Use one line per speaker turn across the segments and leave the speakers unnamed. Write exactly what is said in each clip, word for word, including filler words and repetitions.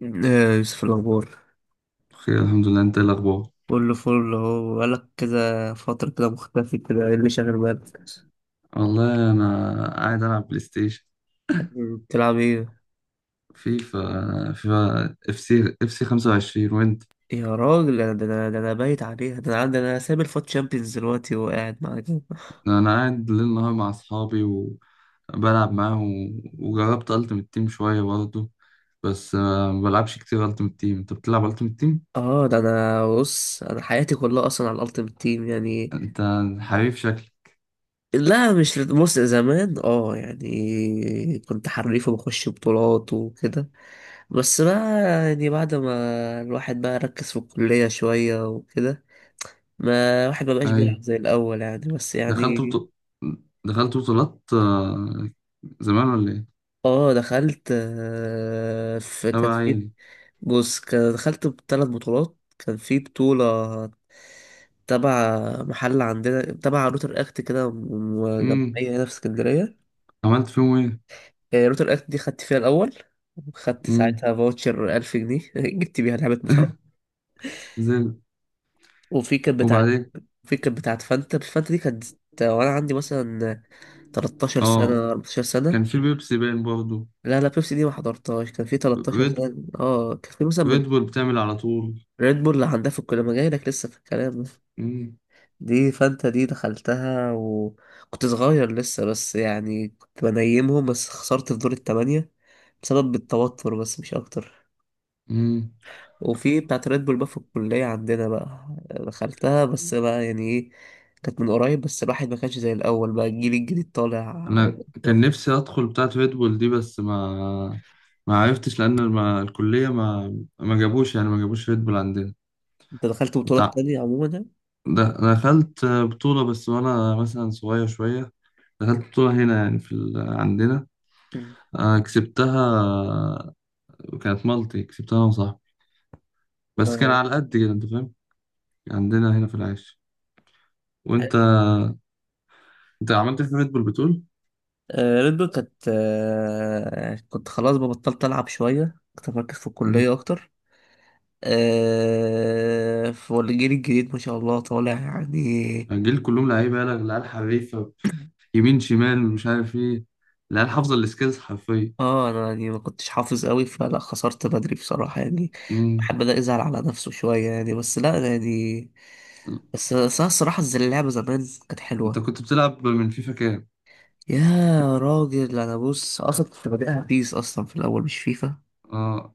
يا يوسف، الأخبار
بخير، الحمد لله. انت ايه الاخبار؟
كله فل أهو. بقالك كده فترة كده مختفي كده، إيه اللي شاغل بالك؟
والله انا قاعد العب بلاي ستيشن.
بتلعب إيه؟
فيفا فيفا اف سي اف سي خمسة وعشرين. وانت؟
يا راجل، أنا- ده أنا ده أنا بايت عليها. ده أنا عندي، أنا سايب الفوت شامبيونز دلوقتي وقاعد معاك.
انا قاعد ليل نهار مع اصحابي، وبلعب معاهم، وجربت التيمت تيم شويه برضه. بس آه، ما بلعبش كتير التيمت تيم. انت بتلعب التيمت تيم؟
آه، ده أنا بص، أنا حياتي كلها أصلا على الألتيمت تيم يعني.
انت حريف شكلك.
لا مش لد- بص، زمان آه يعني كنت حريف وبخش بطولات وكده. بس بقى يعني، بعد ما الواحد بقى ركز في الكلية شوية وكده، ما واحد ما بقاش بيلعب
ايوه.
زي الاول يعني، بس
دخلت
يعني.
بطو... دخلت بطولات، آه، زمان ولا ايه؟
اه دخلت، آه، في كانت
تبع
في،
ايه؟
بص كان- دخلت بثلاث بطولات. كان في بطولة تبع محل عندنا تبع روتر اكت كده، م-
امم.
جمعية هنا في اسكندرية.
عملت فيهم ايه؟
آه، روتر اكت دي خدت فيها الأول، خدت
امم.
ساعتها فاوتشر ألف جنيه جبت بيها لعبة مصارعة.
زي.
وفي كانت بتاعة
وبعدين؟
في كانت بتاعة فانتا، فانتا دي كانت، آه، وأنا عندي مثلا تلتاشر
اه،
سنة أربعتاشر
كان
سنة.
في بيبسي باين برضه.
لا لا، بيبسي دي ما حضرتهاش، كان في تلتاشر
ريد
سنة. اه كان في مثلا من،
ريد بول بتعمل على طول.
ريد بول عندها في الكلية، ما جاي لك لسه في الكلام.
مم.
دي فانتا دي دخلتها وكنت صغير لسه، بس يعني كنت بنيمهم، بس خسرت في دور التمانية بسبب التوتر، بس مش أكتر.
مم.
وفي بتاعت ريد بول بقى في الكلية عندنا بقى، دخلتها بس بقى يعني ايه، كانت من قريب، بس الواحد ما كانش زي الأول بقى، الجيل الجديد طالع.
انا كان نفسي ادخل بتاعه ريد بول دي، بس ما ما عرفتش، لان ما الكليه ما ما جابوش، يعني ما جابوش ريد بول عندنا.
أنت دخلت
ده
بطولات تانية عموما يعني؟
ده دخلت بطوله بس وانا مثلا صغير شويه. دخلت بطوله هنا يعني في ال... عندنا.
مم.
آه، كسبتها. كانت مالتي، كسبتها انا وصاحبي، بس كان
اه،
على قد كده، انت فاهم. عندنا هنا في العيش. وانت انت عملت إيه في ريد بول بتقول؟
ريد بول كانت، آه، كنت خلاص بقى، بطلت ألعب شوية، كنت مركز في الكلية أكتر. آه، والجيل الجديد ما شاء الله طالع يعني.
الجيل كلهم لعيبه، يالا العيال حريفه، يمين شمال مش عارف ايه. العيال حافظه السكيلز حرفيا.
اه، انا يعني ما كنتش حافظ قوي، فلا، خسرت بدري بصراحة يعني.
مم.
بحب ده يزعل على نفسه شوية يعني، بس لا يعني. بس بس أنا الصراحة، زي اللعبة زمان كانت
انت
حلوة.
كنت بتلعب من فيفا كام؟
يا راجل، انا بص اصلا كنت بادئها بيس اصلا في الاول مش فيفا.
اه،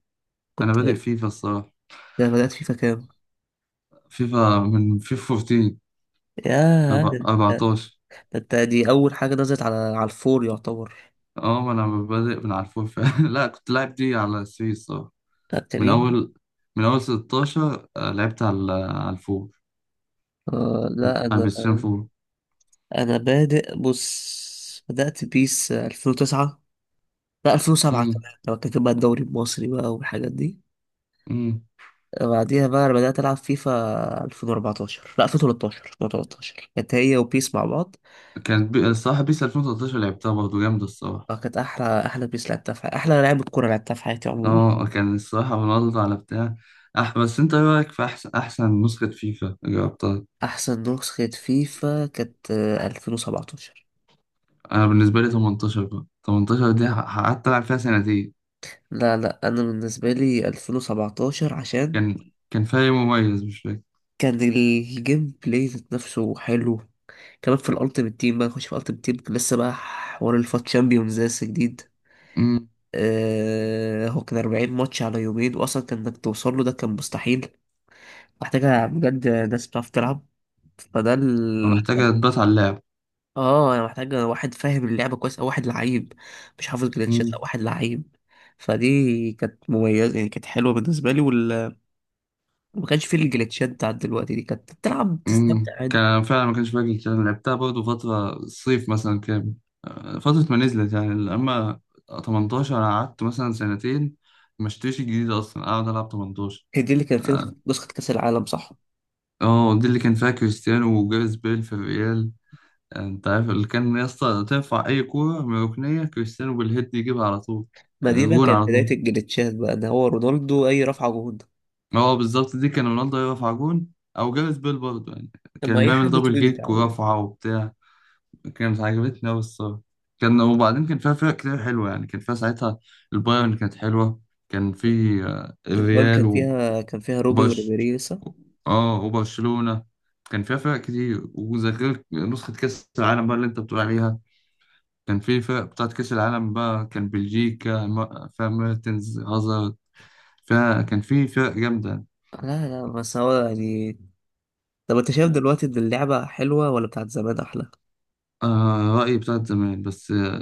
انا
كنت
بادئ
انا،
فيفا الصراحه.
بدأت فيفا كام؟
فيفا، من فيفا أربعتاشر. أربع-
يا،
أربعة عشر.
ده انت دي اول حاجه نزلت على على الفور يعتبر.
اه، ما انا بادئ من على الفور فعلا. لا، كنت لاعب دي على تلاتة الصراحه.
لا
من
تري.
اول من اول ستاشر، آه، لعبت على على الفور،
آه
على
لا انا
البلاي ستيشن أربعة.
انا بادئ، بص، بدات بيس ألفين وتسعة، لا ألفين وسبعة
مم.
كمان، لو كان بقى الدوري المصري بقى والحاجات دي.
مم.
بعديها بقى انا بدات العب فيفا ألفين وأربعتاشر، لا ألفين وتلتاشر، ألفين وتلتاشر كانت هي وبيس مع بعض.
كانت بي... الصراحه بيس ألفين وتلتاشر لعبتها برضه، جامده الصراحه.
آه، كانت احلى احلى بيس لعبتها في حياتي، احلى لعبه كوره لعبتها في حياتي عموما.
اه، كان الصراحة رونالدو على بتاع. أح بس أنت إيه رأيك في أحسن أحسن نسخة فيفا جربتها؟
احسن نسخه فيفا كانت، آه، ألفين وسبعة عشر.
أنا بالنسبة لي ثمانية عشر. بقى ثمانية عشر دي ح- قعدت ألعب فيها سنتين.
لا لا، انا بالنسبه لي ألفين وسبعة عشر، عشان
كان كان فريق مميز، مش فاكر.
كان الجيم بلاي ذات نفسه حلو. كمان في الالتيمت تيم بقى، نخش في الالتيمت تيم، لسه بقى حوار الفات تشامبيونز لسه جديد.
أمم.
آه هو كان 40 ماتش على يومين، واصلا كان انك توصل له ده كان مستحيل. محتاجة بجد ناس بتعرف تلعب، فده
أنا
ال...
محتاج أتبات على اللعب.
اه، انا محتاجة واحد فاهم اللعبة كويس، او واحد لعيب مش حافظ جلitches، او
أمم.
واحد لعيب. فدي كانت مميزة يعني، كانت حلوة بالنسبة لي وال... وما كانش فيه الجلitchات بتاعت دلوقتي، دي كانت بتلعب تستمتع.
أمم. كان أنا فعلا ما كانش فاكر الكلام. لعبتها برضه فترة الصيف مثلا كامل، آه، فترة ما نزلت يعني. أما تمنتاشر، أنا قعدت مثلا سنتين، ما اشتريش الجديد أصلا، أقعد ألعب ثمانية عشر.
هي دي اللي كان فيها
اه،
نسخة نسخة كأس العالم صح؟
آه، دي اللي كان فيها كريستيانو وجاريث بيل في الريال. انت عارف اللي كان يا اسطى، تنفع اي كوره من ركنيه كريستيانو بالهيد يجيبها على طول.
ما
آه،
دي بقى
جون
كانت
على
بداية
طول.
الجليتشات بقى، ده هو رونالدو أي رفعة جهود.
هو بالظبط، دي كان رونالدو يرفع جون، او جاريث بيل برضه يعني،
أما
كان
أي
بيعمل
حد
دبل
طويل ده
كيك
عموما.
ورفعه وبتاع. كانت عجبتني قوي الصراحه. كان وبعدين كان فيها فرق كتير حلوه يعني، كان فيها ساعتها البايرن كانت حلوه. كان في آه،
البال
الريال
كان
و-
فيها، كان فيها روبن
وبرش
وريبيري لسه.
اه، وبرشلونه. كان فيها فرق كتير، وغير نسخه كاس العالم بقى اللي انت بتقول عليها، كان في فرق بتاعت كأس العالم بقى. كان بلجيكا م- فيها ميرتنز، هازارد، فيها. كان في فرق جامدة.
لا لا، بس هو يعني. طب أنت شايف دلوقتي إن اللعبة حلوة ولا بتاعت زمان أحلى؟
آه، رأيي بتاعت زمان، بس آه،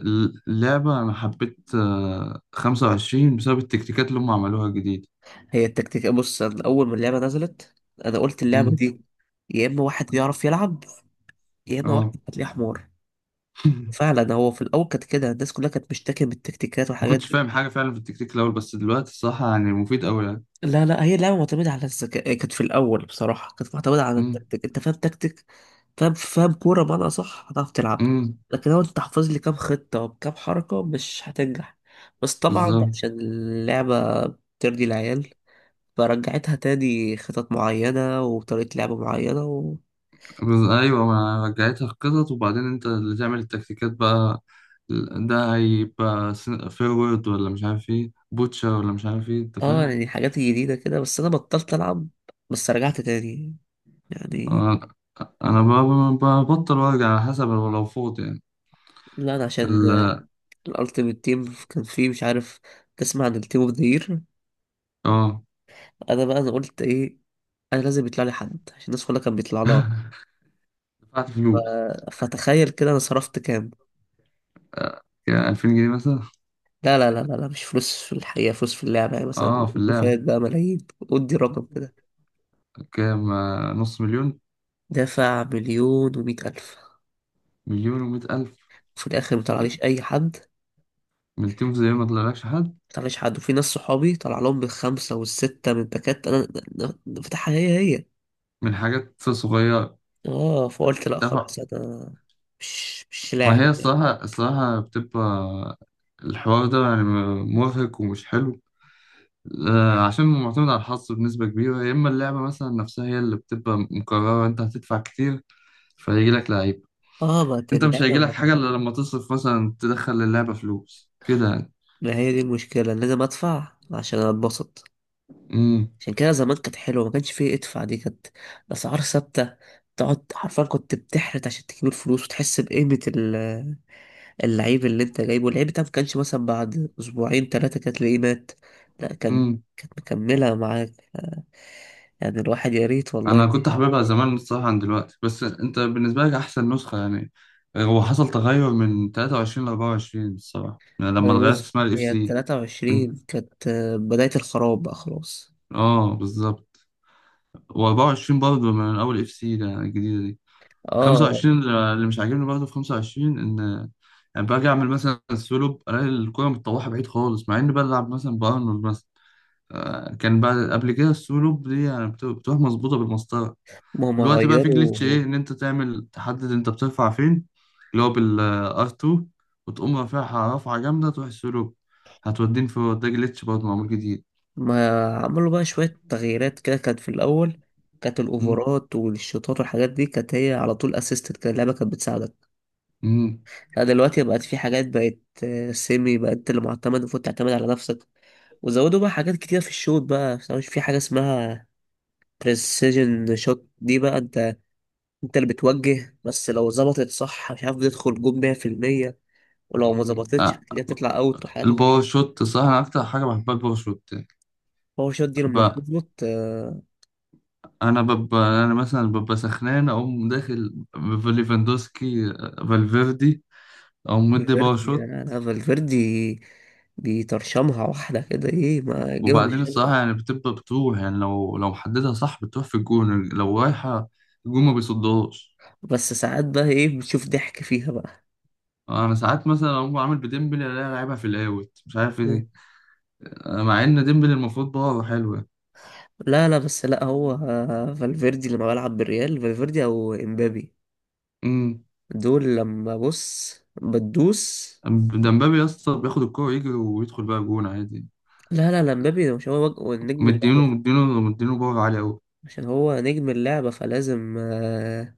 اللعبة أنا حبيت آه خمسة وعشرين بسبب التكتيكات اللي هم عملوها جديد.
هي التكتيك، بص أنا أول ما اللعبة نزلت، أنا قلت اللعبة
مم.
دي، يا إما واحد بيعرف يلعب، يا إما واحد
اه.
هتلاقيه حمار. فعلا هو في الأول كانت كده، الناس كلها كانت بتشتكي من التكتيكات
ما
والحاجات
كنتش
دي.
فاهم حاجة فعلا في التكتيك الأول، بس دلوقتي الصراحة يعني مفيد أوي يعني.
لا لا، هي لعبة معتمدة على الذكاء، كانت في الأول بصراحة كانت معتمدة على
مم.
التكتيك، أنت فاهم تكتيك، فاهم فاهم كورة بمعنى صح، هتعرف تلعب.
مم.
لكن لو أنت حافظ لي كام خطة وكام حركة، مش هتنجح. بس طبعا
بالظبط.
عشان اللعبة بترضي العيال، فرجعتها تاني خطط معينة وطريقة لعب معينة و...
بز- ايوه، ما رجعتها القطط، وبعدين انت اللي تعمل التكتيكات بقى. ده هيبقى سن- فيرويد ولا مش عارف ايه، بوتشر ولا مش عارف ايه، انت
اه
فاهم.
يعني حاجات جديدة كده، بس أنا بطلت ألعب، بس رجعت تاني يعني.
انا أنا ب- ب- ببطل وارجع على حسب، لو لو فوت يعني.
لا أنا عشان
ال.
الألتيميت تيم كان فيه مش عارف، تسمع عن التيم اوف ذا يير؟
اه.
انا بقى انا قلت ايه، انا لازم يطلع لي حد عشان الناس كلها كانت بيطلع لها.
دفعت فلوس.
ف- فتخيل كده انا صرفت كام.
آه، كان ألفين جنيه مثلا.
لا لا لا لا لا، مش فلوس في الحقيقة، فلوس في اللعبة يعني مثلا.
اه، في اللعب.
فات بقى ملايين، ادي رقم كده.
كام؟ آه، نص مليون.
دافع مليون ومية ألف،
مليون ومئة ألف.
في الآخر مطلعليش أي حد.
من تيم، زي ما طلعلكش حد.
مطلعليش حد، وفي ناس صحابي طلع لهم بالخمسة والستة من باكات. أنا أنا فاتحها هي هي.
من حاجات صغيرة.
اه، فقلت لا
دفع.
خلاص أنا مش مش
ما
لاعب
هي
يعني.
الصراحة الصراحة بتبقى الحوار ده يعني، مرهق ومش حلو. آه، عشان معتمد على الحظ بنسبة كبيرة، يا إما اللعبة مثلا نفسها هي اللي بتبقى مكررة. أنت هتدفع كتير فهيجي لك لعيب.
اه ما
أنت مش
اللعبة
هيجي لك
ما.
حاجة إلا لما تصرف مثلا، تدخل للعبة فلوس كده يعني.
ما هي دي المشكلة، أنا لازم أدفع عشان أتبسط.
امم.
عشان كده زمان كانت حلوة، ما كانش فيه ادفع، دي كانت أسعار ثابتة، تقعد حرفيا كنت بتحرت عشان تجيب الفلوس وتحس بقيمة ال- اللعيب اللي انت جايبه، اللعيب ده ما كانش مثلا بعد أسبوعين تلاتة كانت تلاقيه مات، لا كان،
امم.
كانت مكملة معاك. آه، يعني الواحد يا ريت والله.
أنا كنت حاببها زمان الصراحة عن دلوقتي. بس أنت بالنسبة لك أحسن نسخة يعني، آه، هو حصل تغير من ثلاثة وعشرين ل أربعة وعشرين الصراحة يعني، لما
أنا
اتغيرت
بص
اسمها الإف
هي
سي.
التلاتة وعشرين كانت، آه، بداية الخراب بقى خلاص.
اه، بالظبط. و24 برضه، من اول اف سي الجديده دي،
اه،
خمسة وعشرين، اللي مش عاجبني برضه في خمسة وعشرين، ان يعني باجي اعمل مثلا سولو، الاقي الكوره متطوحه بعيد خالص، مع اني بلعب مثلا بارنولد مثلا. آه، كان بعد قبل كده السولو دي يعني بت- بتروح مظبوطه بالمسطره.
ما هم
دلوقتي بقى في جليتش،
غيروا،
ايه ان انت تعمل تحدد انت بترفع فين، اللي هو بالار اتنين، وتقوم رافعها رفعه جامده، تروح السولو هتودين في. ده جليتش برضه معمول جديد.
ما عملوا بقى شوية تغييرات كده. كانت في الأول، كانت
مم.
الأوفرات والشوطات والحاجات دي كانت هي على طول أسيستد كده، اللعبة كانت بتساعدك.
مم.
لا دلوقتي بقت في حاجات بقت، آه، سيمي بقى، أنت اللي معتمد، المفروض تعتمد على نفسك. وزودوا بقى حاجات كتير في الشوط بقى، مش في حاجة اسمها بريسيجن شوت دي بقى، أنت أنت اللي بتوجه، بس لو ظبطت صح مش عارف بتدخل جون مية بالمية، ولو ما
مم.
ظبطتش هتلاقيها تطلع أوت وحاجات
الباور
غريبة.
شوت، صح؟ انا اكتر حاجه بحبها الباور شوت
هو الشوت دي لما
بقى.
بتظبط، آه،
انا ببقى انا مثلا ببقى سخنان، اقوم داخل ليفاندوسكي، فالفيردي، اقوم مدي باور
فالفيردي،
شوت.
لا لا، فالفيردي بيطرشمها واحدة كده، ايه، ما يجيبها من
وبعدين
الشنطة.
الصراحه يعني بتبقى بتروح يعني، لو لو محددها صح بتروح في الجون، لو رايحه الجون ما بيصدهاش.
بس ساعات بقى ايه، بتشوف ضحك فيها بقى.
انا ساعات مثلا اقوم عامل بديمبلي، الاقيها لعبها في الاوت مش عارف
مم.
ايه، مع ان ديمبلي المفروض باور حلوه.
لا لا، بس لا هو، آه، فالفيردي لما بلعب بالريال، فالفيردي او امبابي
امم.
دول لما بص، بتدوس.
ده مبابي يا اسطى، بياخد الكوره يجري ويدخل بقى جون عادي.
لا لا لا، امبابي ده مش هو، وج- هو نجم
مدينه
اللعبة،
مدينه مدينه، باور عالي قوي.
عشان هو نجم اللعبة فلازم، آه،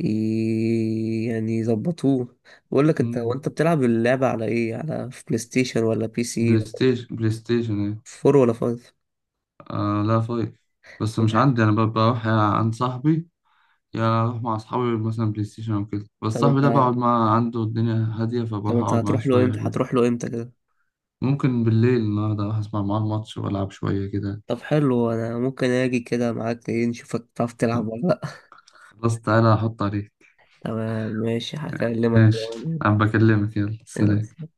ي- يعني يظبطوه. بقول لك انت، هو
مم.
انت بتلعب اللعبة على ايه، على، في بلاي ستيشن ولا بي سي؟
بلاي ستيشن. بلاي ستيشن ايه؟
فور ولا فايف؟
آه لا، فايف، بس
طب،
مش عندي انا. ب- بروح يا عند صاحبي، يا اروح مع اصحابي مثلا بلاي ستيشن او كده. بس
طب
صاحبي ده
انت
بقعد معاه عنده، الدنيا هاديه،
طب
فبروح
انت
اقعد معاه
هتروح له
شويه
امتى؟
حلوين.
هتروح له امتى كده.
ممكن بالليل النهارده اروح اسمع معاه الماتش والعب شويه كده.
طب حلو، انا ممكن اجي كده معاك ايه، نشوفك تعرف تلعب ولا لا.
خلاص، تعالى احط عليك.
تمام ماشي، هكلمك
ماشي،
كده.
انا بكلمك، يلا سلام.
يلا.